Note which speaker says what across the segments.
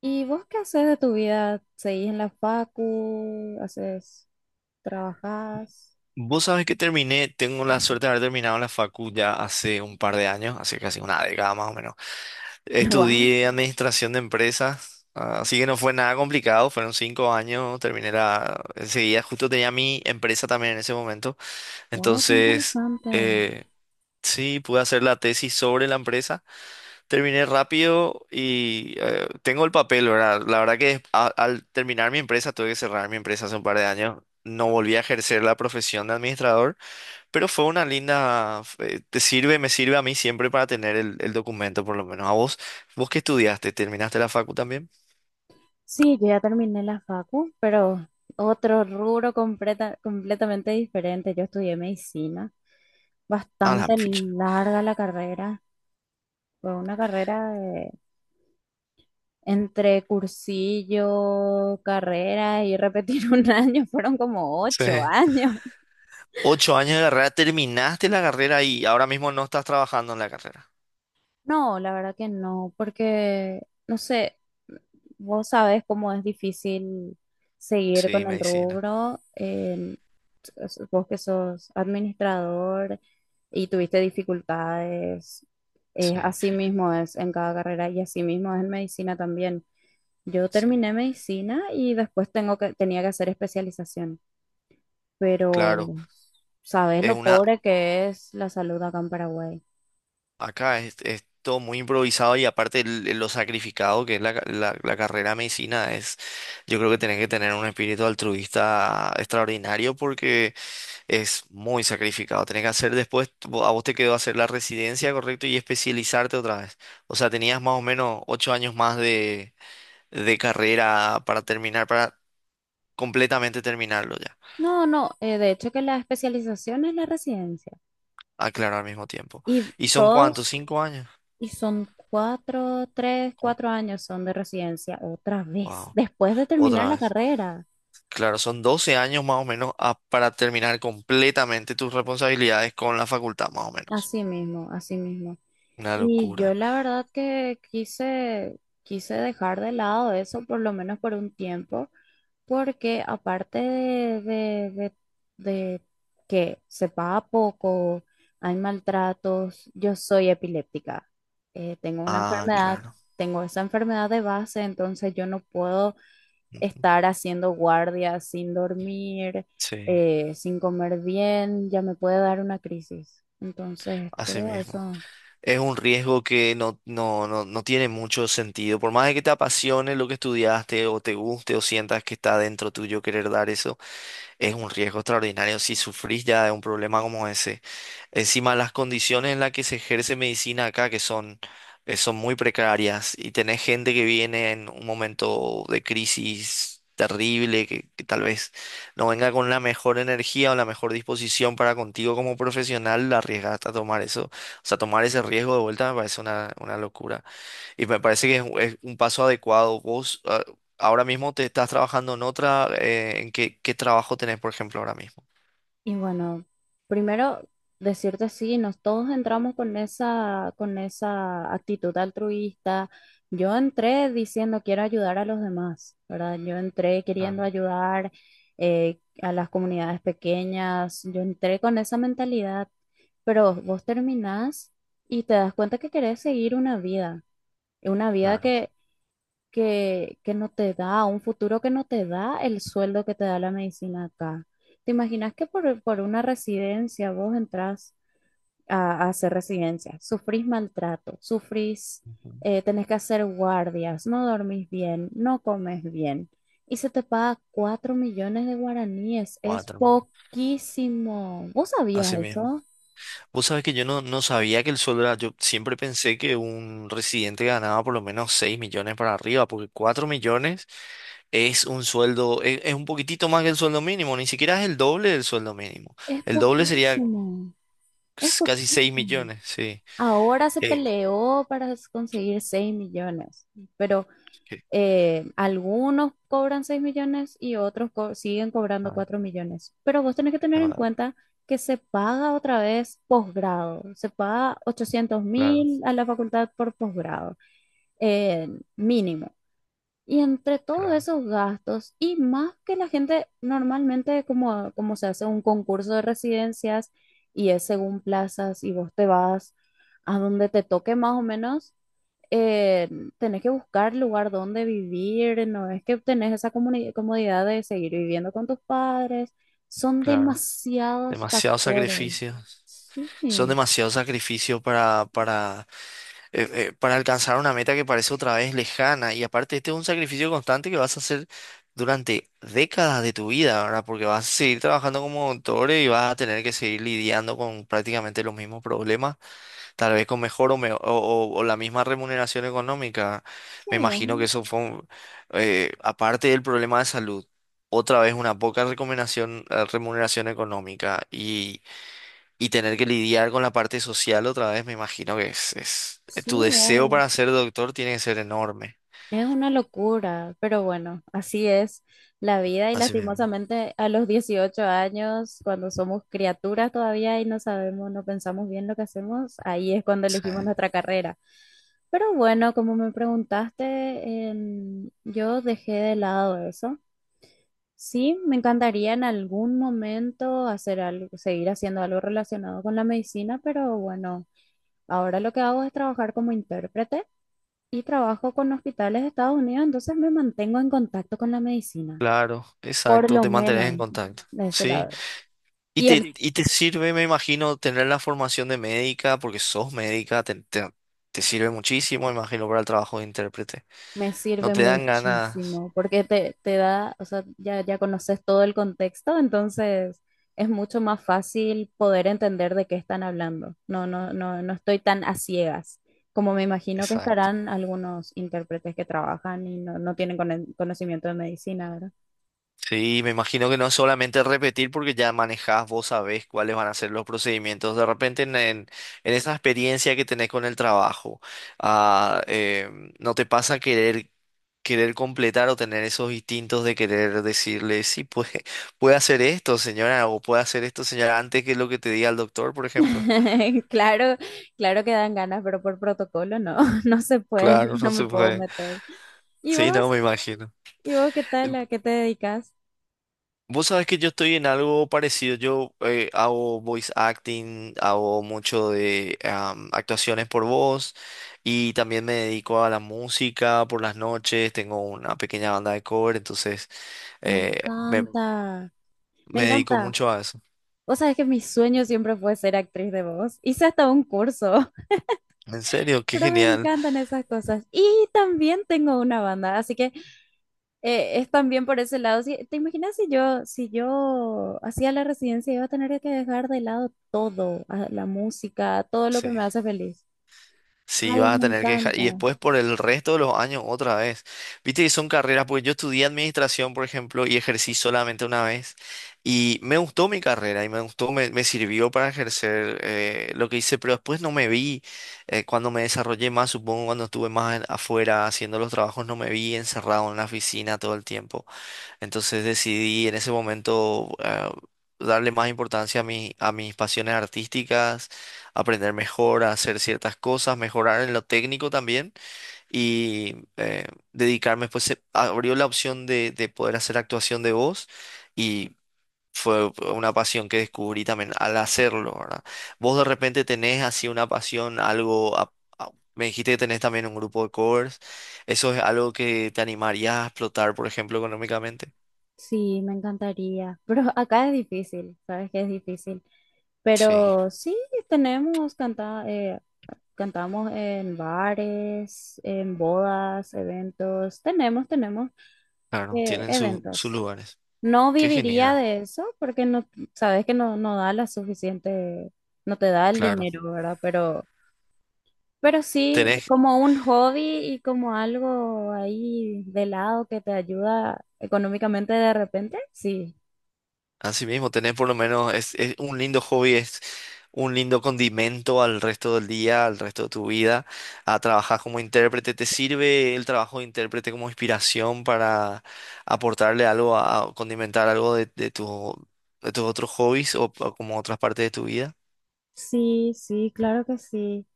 Speaker 1: ¿Y vos qué haces de tu vida? ¿Seguís en la facu? ¿Haces, trabajás?
Speaker 2: Vos sabés que terminé, tengo la suerte de haber terminado la facu ya hace un par de años, hace casi una década más o menos.
Speaker 1: Wow,
Speaker 2: Estudié administración de empresas, ah, así que no fue nada complicado, fueron 5 años, terminé la... Enseguida justo tenía mi empresa también en ese momento,
Speaker 1: wow, qué
Speaker 2: entonces
Speaker 1: interesante.
Speaker 2: eh, sí, pude hacer la tesis sobre la empresa, terminé rápido y tengo el papel, ¿verdad? La verdad que al terminar mi empresa tuve que cerrar mi empresa hace un par de años. No volví a ejercer la profesión de administrador, pero fue una linda, te sirve, me sirve a mí siempre para tener el documento, por lo menos. ¿A vos? ¿Vos qué estudiaste? ¿Terminaste la facu también?
Speaker 1: Sí, yo ya terminé la facu, pero otro rubro completamente diferente. Yo estudié medicina,
Speaker 2: A la
Speaker 1: bastante
Speaker 2: ficha.
Speaker 1: larga la carrera. Fue una carrera de- Entre cursillo, carrera y repetir un año, fueron como
Speaker 2: Sí.
Speaker 1: 8 años.
Speaker 2: Ocho años de carrera, terminaste la carrera y ahora mismo no estás trabajando en la carrera.
Speaker 1: No, la verdad que no, porque, no sé, vos sabés cómo es difícil seguir
Speaker 2: Sí,
Speaker 1: con el
Speaker 2: medicina.
Speaker 1: rubro. Vos que sos administrador y tuviste dificultades,
Speaker 2: Sí,
Speaker 1: así mismo es en cada carrera y así mismo es en medicina también. Yo
Speaker 2: sí.
Speaker 1: terminé medicina y después tenía que hacer especialización,
Speaker 2: Claro.
Speaker 1: pero sabés
Speaker 2: Es
Speaker 1: lo
Speaker 2: una,
Speaker 1: pobre que es la salud acá en Paraguay.
Speaker 2: acá es todo muy improvisado y aparte lo sacrificado que es la, la, la carrera de medicina es, yo creo que tenés que tener un espíritu altruista extraordinario porque es muy sacrificado. Tenés que hacer después, a vos te quedó hacer la residencia, correcto, y especializarte otra vez. O sea, tenías más o menos 8 años más de carrera para terminar, para completamente terminarlo ya.
Speaker 1: No, no, de hecho que la especialización es la residencia.
Speaker 2: Aclaro al mismo tiempo.
Speaker 1: ¿Y cuánto
Speaker 2: ¿Y son cuántos?
Speaker 1: todos, cuántos?
Speaker 2: ¿5 años?
Speaker 1: Y son
Speaker 2: Cu-
Speaker 1: 4 años son de residencia otra vez,
Speaker 2: Wow.
Speaker 1: después de terminar
Speaker 2: Otra
Speaker 1: la
Speaker 2: vez.
Speaker 1: carrera.
Speaker 2: Claro, son 12 años más o menos para terminar completamente tus responsabilidades con la facultad, más o menos.
Speaker 1: Así mismo, así mismo.
Speaker 2: Una
Speaker 1: Y yo
Speaker 2: locura.
Speaker 1: la verdad que quise dejar de lado eso por lo menos por un tiempo, porque aparte de que se paga poco, hay maltratos, yo soy epiléptica. Tengo una
Speaker 2: Ah,
Speaker 1: enfermedad,
Speaker 2: claro.
Speaker 1: tengo esa enfermedad de base, entonces yo no puedo
Speaker 2: Ujú.
Speaker 1: estar haciendo guardia sin dormir,
Speaker 2: Sí,
Speaker 1: sin comer bien, ya me puede dar una crisis. Entonces,
Speaker 2: así
Speaker 1: todo
Speaker 2: mismo.
Speaker 1: eso.
Speaker 2: Es un riesgo que no tiene mucho sentido. Por más de que te apasione lo que estudiaste o te guste o sientas que está dentro tuyo querer dar eso, es un riesgo extraordinario si sufrís ya de un problema como ese. Encima, las condiciones en las que se ejerce medicina acá, que son, son muy precarias, y tenés gente que viene en un momento de crisis terrible, que tal vez no venga con la mejor energía o la mejor disposición para contigo como profesional, la arriesgaste a tomar eso. O sea, tomar ese riesgo de vuelta me parece una locura. Y me parece que es un paso adecuado. Vos ah, ahora mismo te estás trabajando en otra, ¿en qué trabajo tenés, por ejemplo, ahora mismo?
Speaker 1: Y bueno, primero decirte sí, nos todos entramos con con esa actitud altruista. Yo entré diciendo quiero ayudar a los demás, ¿verdad? Yo entré queriendo
Speaker 2: Claro,
Speaker 1: ayudar a las comunidades pequeñas, yo entré con esa mentalidad, pero vos terminás y te das cuenta que querés seguir una vida
Speaker 2: claro.
Speaker 1: que no te da, un futuro que no te da el sueldo que te da la medicina acá. ¿Te imaginas que por una residencia vos entras a hacer residencia? Sufrís maltrato, sufrís,
Speaker 2: Ujú.
Speaker 1: tenés que hacer guardias, no dormís bien, no comes bien y se te paga 4 millones de guaraníes. Es
Speaker 2: Cuatro.
Speaker 1: poquísimo. ¿Vos sabías
Speaker 2: Así mismo.
Speaker 1: eso?
Speaker 2: Vos sabés que yo no, no sabía que el sueldo era, yo siempre pensé que un residente ganaba por lo menos 6 millones para arriba, porque 4 millones es un sueldo, es un poquitito más que el sueldo mínimo, ni siquiera es el doble del sueldo mínimo.
Speaker 1: Es
Speaker 2: El doble sería
Speaker 1: poquísimo. Es
Speaker 2: casi 6
Speaker 1: poquísimo.
Speaker 2: millones, sí.
Speaker 1: Ahora se
Speaker 2: Eh,
Speaker 1: peleó para conseguir 6 millones, pero
Speaker 2: que-
Speaker 1: algunos cobran 6 millones y otros siguen cobrando
Speaker 2: ah,
Speaker 1: 4 millones. Pero vos tenés que tener
Speaker 2: es
Speaker 1: en
Speaker 2: verdad.
Speaker 1: cuenta que se paga otra vez posgrado, se paga ochocientos
Speaker 2: Claro,
Speaker 1: mil a la facultad por posgrado, eh, mínimo. Y entre todos
Speaker 2: claro,
Speaker 1: esos gastos, y más que la gente normalmente, como se hace un concurso de residencias y es según plazas, y vos te vas a donde te toque más o menos, eh, tenés que buscar lugar donde vivir, no es que tenés esa comodidad de seguir viviendo con tus padres, son
Speaker 2: claro.
Speaker 1: demasiados
Speaker 2: Demasiados
Speaker 1: factores.
Speaker 2: sacrificios.
Speaker 1: Sí,
Speaker 2: Son
Speaker 1: sí,
Speaker 2: demasiados sacrificios para alcanzar una meta que parece otra vez lejana. Y aparte, este es un sacrificio constante que vas a hacer durante décadas de tu vida, ¿verdad? Porque vas a seguir trabajando como doctor y vas a tener que seguir lidiando con prácticamente los mismos problemas, tal vez con mejor o la misma remuneración económica. Me imagino que
Speaker 1: es-
Speaker 2: eso fue, aparte del problema de salud. Otra vez una poca recomendación, remuneración económica y tener que lidiar con la parte social otra vez, me imagino que es...
Speaker 1: sí.
Speaker 2: Tu deseo para ser doctor tiene que ser enorme.
Speaker 1: Es una locura, pero bueno, así es la vida y
Speaker 2: Así mismo.
Speaker 1: lastimosamente a los 18 años, cuando somos criaturas todavía y no sabemos, no pensamos bien lo que hacemos, ahí es cuando
Speaker 2: Sí.
Speaker 1: elegimos nuestra carrera. Pero bueno, como me preguntaste, yo dejé de lado eso. Sí, me encantaría en algún momento hacer algo, seguir haciendo algo relacionado con la medicina, pero bueno, ahora lo que hago es trabajar como intérprete y trabajo con hospitales de Estados Unidos, entonces me mantengo en contacto con la medicina,
Speaker 2: Claro,
Speaker 1: por
Speaker 2: exacto,
Speaker 1: lo
Speaker 2: te mantenés en
Speaker 1: menos
Speaker 2: contacto.
Speaker 1: de ese
Speaker 2: Sí,
Speaker 1: lado. Y el
Speaker 2: y
Speaker 1: sí,
Speaker 2: te sirve, me imagino, tener la formación de médica, porque sos médica, te sirve muchísimo, me imagino, para el trabajo de intérprete.
Speaker 1: me
Speaker 2: No
Speaker 1: sirve
Speaker 2: te dan ganas.
Speaker 1: muchísimo porque te da, o sea, ya conoces todo el contexto, entonces es mucho más fácil poder entender de qué están hablando. No, no, no, no estoy tan a ciegas. Como me imagino que
Speaker 2: Exacto.
Speaker 1: estarán algunos intérpretes que trabajan y no, no tienen conocimiento de medicina.
Speaker 2: Sí, me imagino que no es solamente repetir porque ya manejás, vos sabés cuáles van a ser los procedimientos. De repente en esa experiencia que tenés con el trabajo, ah, eh, ¿no te pasa querer completar o tener esos instintos de querer decirle, sí, pues puede hacer esto, señora, o puede hacer esto, señora, antes que lo que te diga el doctor, por ejemplo?
Speaker 1: Claro, claro que dan ganas, pero por protocolo no, no se puede,
Speaker 2: Claro,
Speaker 1: no
Speaker 2: no se
Speaker 1: me puedo
Speaker 2: puede.
Speaker 1: meter. ¿Y
Speaker 2: Sí, no,
Speaker 1: vos?
Speaker 2: me imagino.
Speaker 1: ¿Y vos qué tal? ¿A qué te dedicas?
Speaker 2: Vos sabés que yo estoy en algo parecido. Yo hago voice acting, hago mucho de actuaciones por voz y también me dedico a la música por las noches. Tengo una pequeña banda de cover, entonces
Speaker 1: Me
Speaker 2: eh, me,
Speaker 1: encanta, me
Speaker 2: me dedico
Speaker 1: encanta.
Speaker 2: mucho a eso.
Speaker 1: Vos sabés que mi sueño siempre fue ser actriz de voz. Hice hasta un curso,
Speaker 2: En serio, qué
Speaker 1: pero me
Speaker 2: genial.
Speaker 1: encantan esas cosas. Y también tengo una banda, así que es también por ese lado. ¿Te imaginas si yo, si yo hacía la residencia, iba a tener que dejar de lado todo, la música, todo lo que
Speaker 2: Sí.
Speaker 1: me hace feliz?
Speaker 2: Sí,
Speaker 1: Ay,
Speaker 2: vas a
Speaker 1: me
Speaker 2: tener que dejar.
Speaker 1: encanta.
Speaker 2: Y después por el resto de los años otra vez. Viste que son carreras, porque yo estudié administración, por ejemplo, y ejercí solamente una vez. Y me gustó mi carrera y me gustó, me sirvió para ejercer lo que hice, pero después no me vi, cuando me desarrollé más, supongo, cuando estuve más afuera haciendo los trabajos, no me vi encerrado en la oficina todo el tiempo. Entonces decidí en ese momento darle más importancia a a mis pasiones artísticas, aprender mejor a hacer ciertas cosas, mejorar en lo técnico también y dedicarme. Pues se abrió la opción de poder hacer actuación de voz y fue una pasión que descubrí también al hacerlo, ¿verdad? Vos de repente tenés así una pasión, algo... a- Me dijiste que tenés también un grupo de covers. ¿Eso es algo que te animaría a explotar, por ejemplo, económicamente?
Speaker 1: Sí, me encantaría. Pero acá es difícil, sabes que es difícil.
Speaker 2: Sí,
Speaker 1: Pero sí, tenemos, canta, cantamos en bares, en bodas, eventos. Tenemos, tenemos
Speaker 2: claro, tienen sus
Speaker 1: eventos.
Speaker 2: lugares.
Speaker 1: No
Speaker 2: Qué
Speaker 1: viviría
Speaker 2: genial,
Speaker 1: de eso porque no, sabes que no, no da la suficiente, no te da el
Speaker 2: claro.
Speaker 1: dinero, ¿verdad? Pero sí,
Speaker 2: Tenés,
Speaker 1: como un hobby y como algo ahí de lado que te ayuda económicamente de repente, sí.
Speaker 2: así mismo, tenés por lo menos, es un lindo hobby, es un lindo condimento al resto del día, al resto de tu vida. A trabajar como intérprete, ¿te sirve el trabajo de intérprete como inspiración para aportarle algo, a condimentar algo de tu, de tus otros hobbies o como otras partes de tu vida?
Speaker 1: Sí, sí, claro que sí.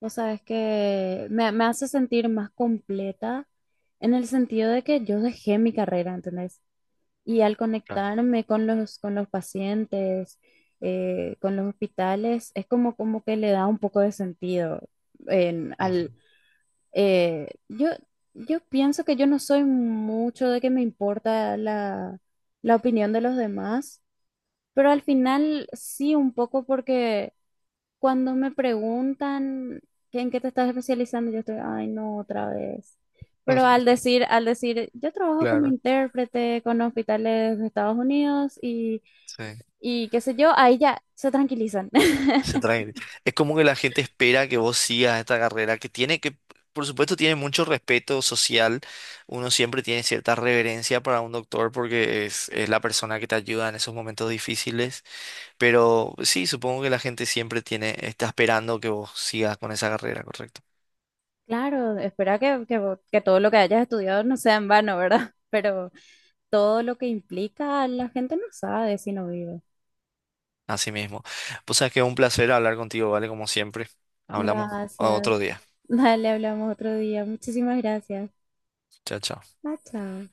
Speaker 1: O sea, es que me hace sentir más completa en el sentido de que yo dejé mi carrera, ¿entendés? Y al
Speaker 2: Claro.
Speaker 1: conectarme con con los pacientes, con los hospitales, es como, como que le da un poco de sentido en-
Speaker 2: Ujú.
Speaker 1: al, Eh, yo, yo pienso que yo no soy mucho de que me importa la opinión de los demás, pero al final sí un poco porque cuando me preguntan que en qué te estás especializando, yo estoy, ay, no, otra vez. Pero al decir, yo trabajo como
Speaker 2: Claro.
Speaker 1: intérprete con hospitales de Estados Unidos
Speaker 2: Sí.
Speaker 1: y qué sé yo, ahí ya se tranquilizan.
Speaker 2: Se traen. Es como que la gente espera que vos sigas esta carrera que tiene que, por supuesto, tiene mucho respeto social. Uno siempre tiene cierta reverencia para un doctor porque es la persona que te ayuda en esos momentos difíciles. Pero sí, supongo que la gente siempre tiene, está esperando que vos sigas con esa carrera, correcto.
Speaker 1: Claro, espera que todo lo que hayas estudiado no sea en vano, ¿verdad? Pero todo lo que implica, la gente no sabe si no vive.
Speaker 2: Así mismo. Pues sabes que es un placer hablar contigo, ¿vale? Como siempre. Hablamos
Speaker 1: Gracias.
Speaker 2: otro día.
Speaker 1: Dale, hablamos otro día. Muchísimas gracias.
Speaker 2: Chao, chao.
Speaker 1: Ah, chao.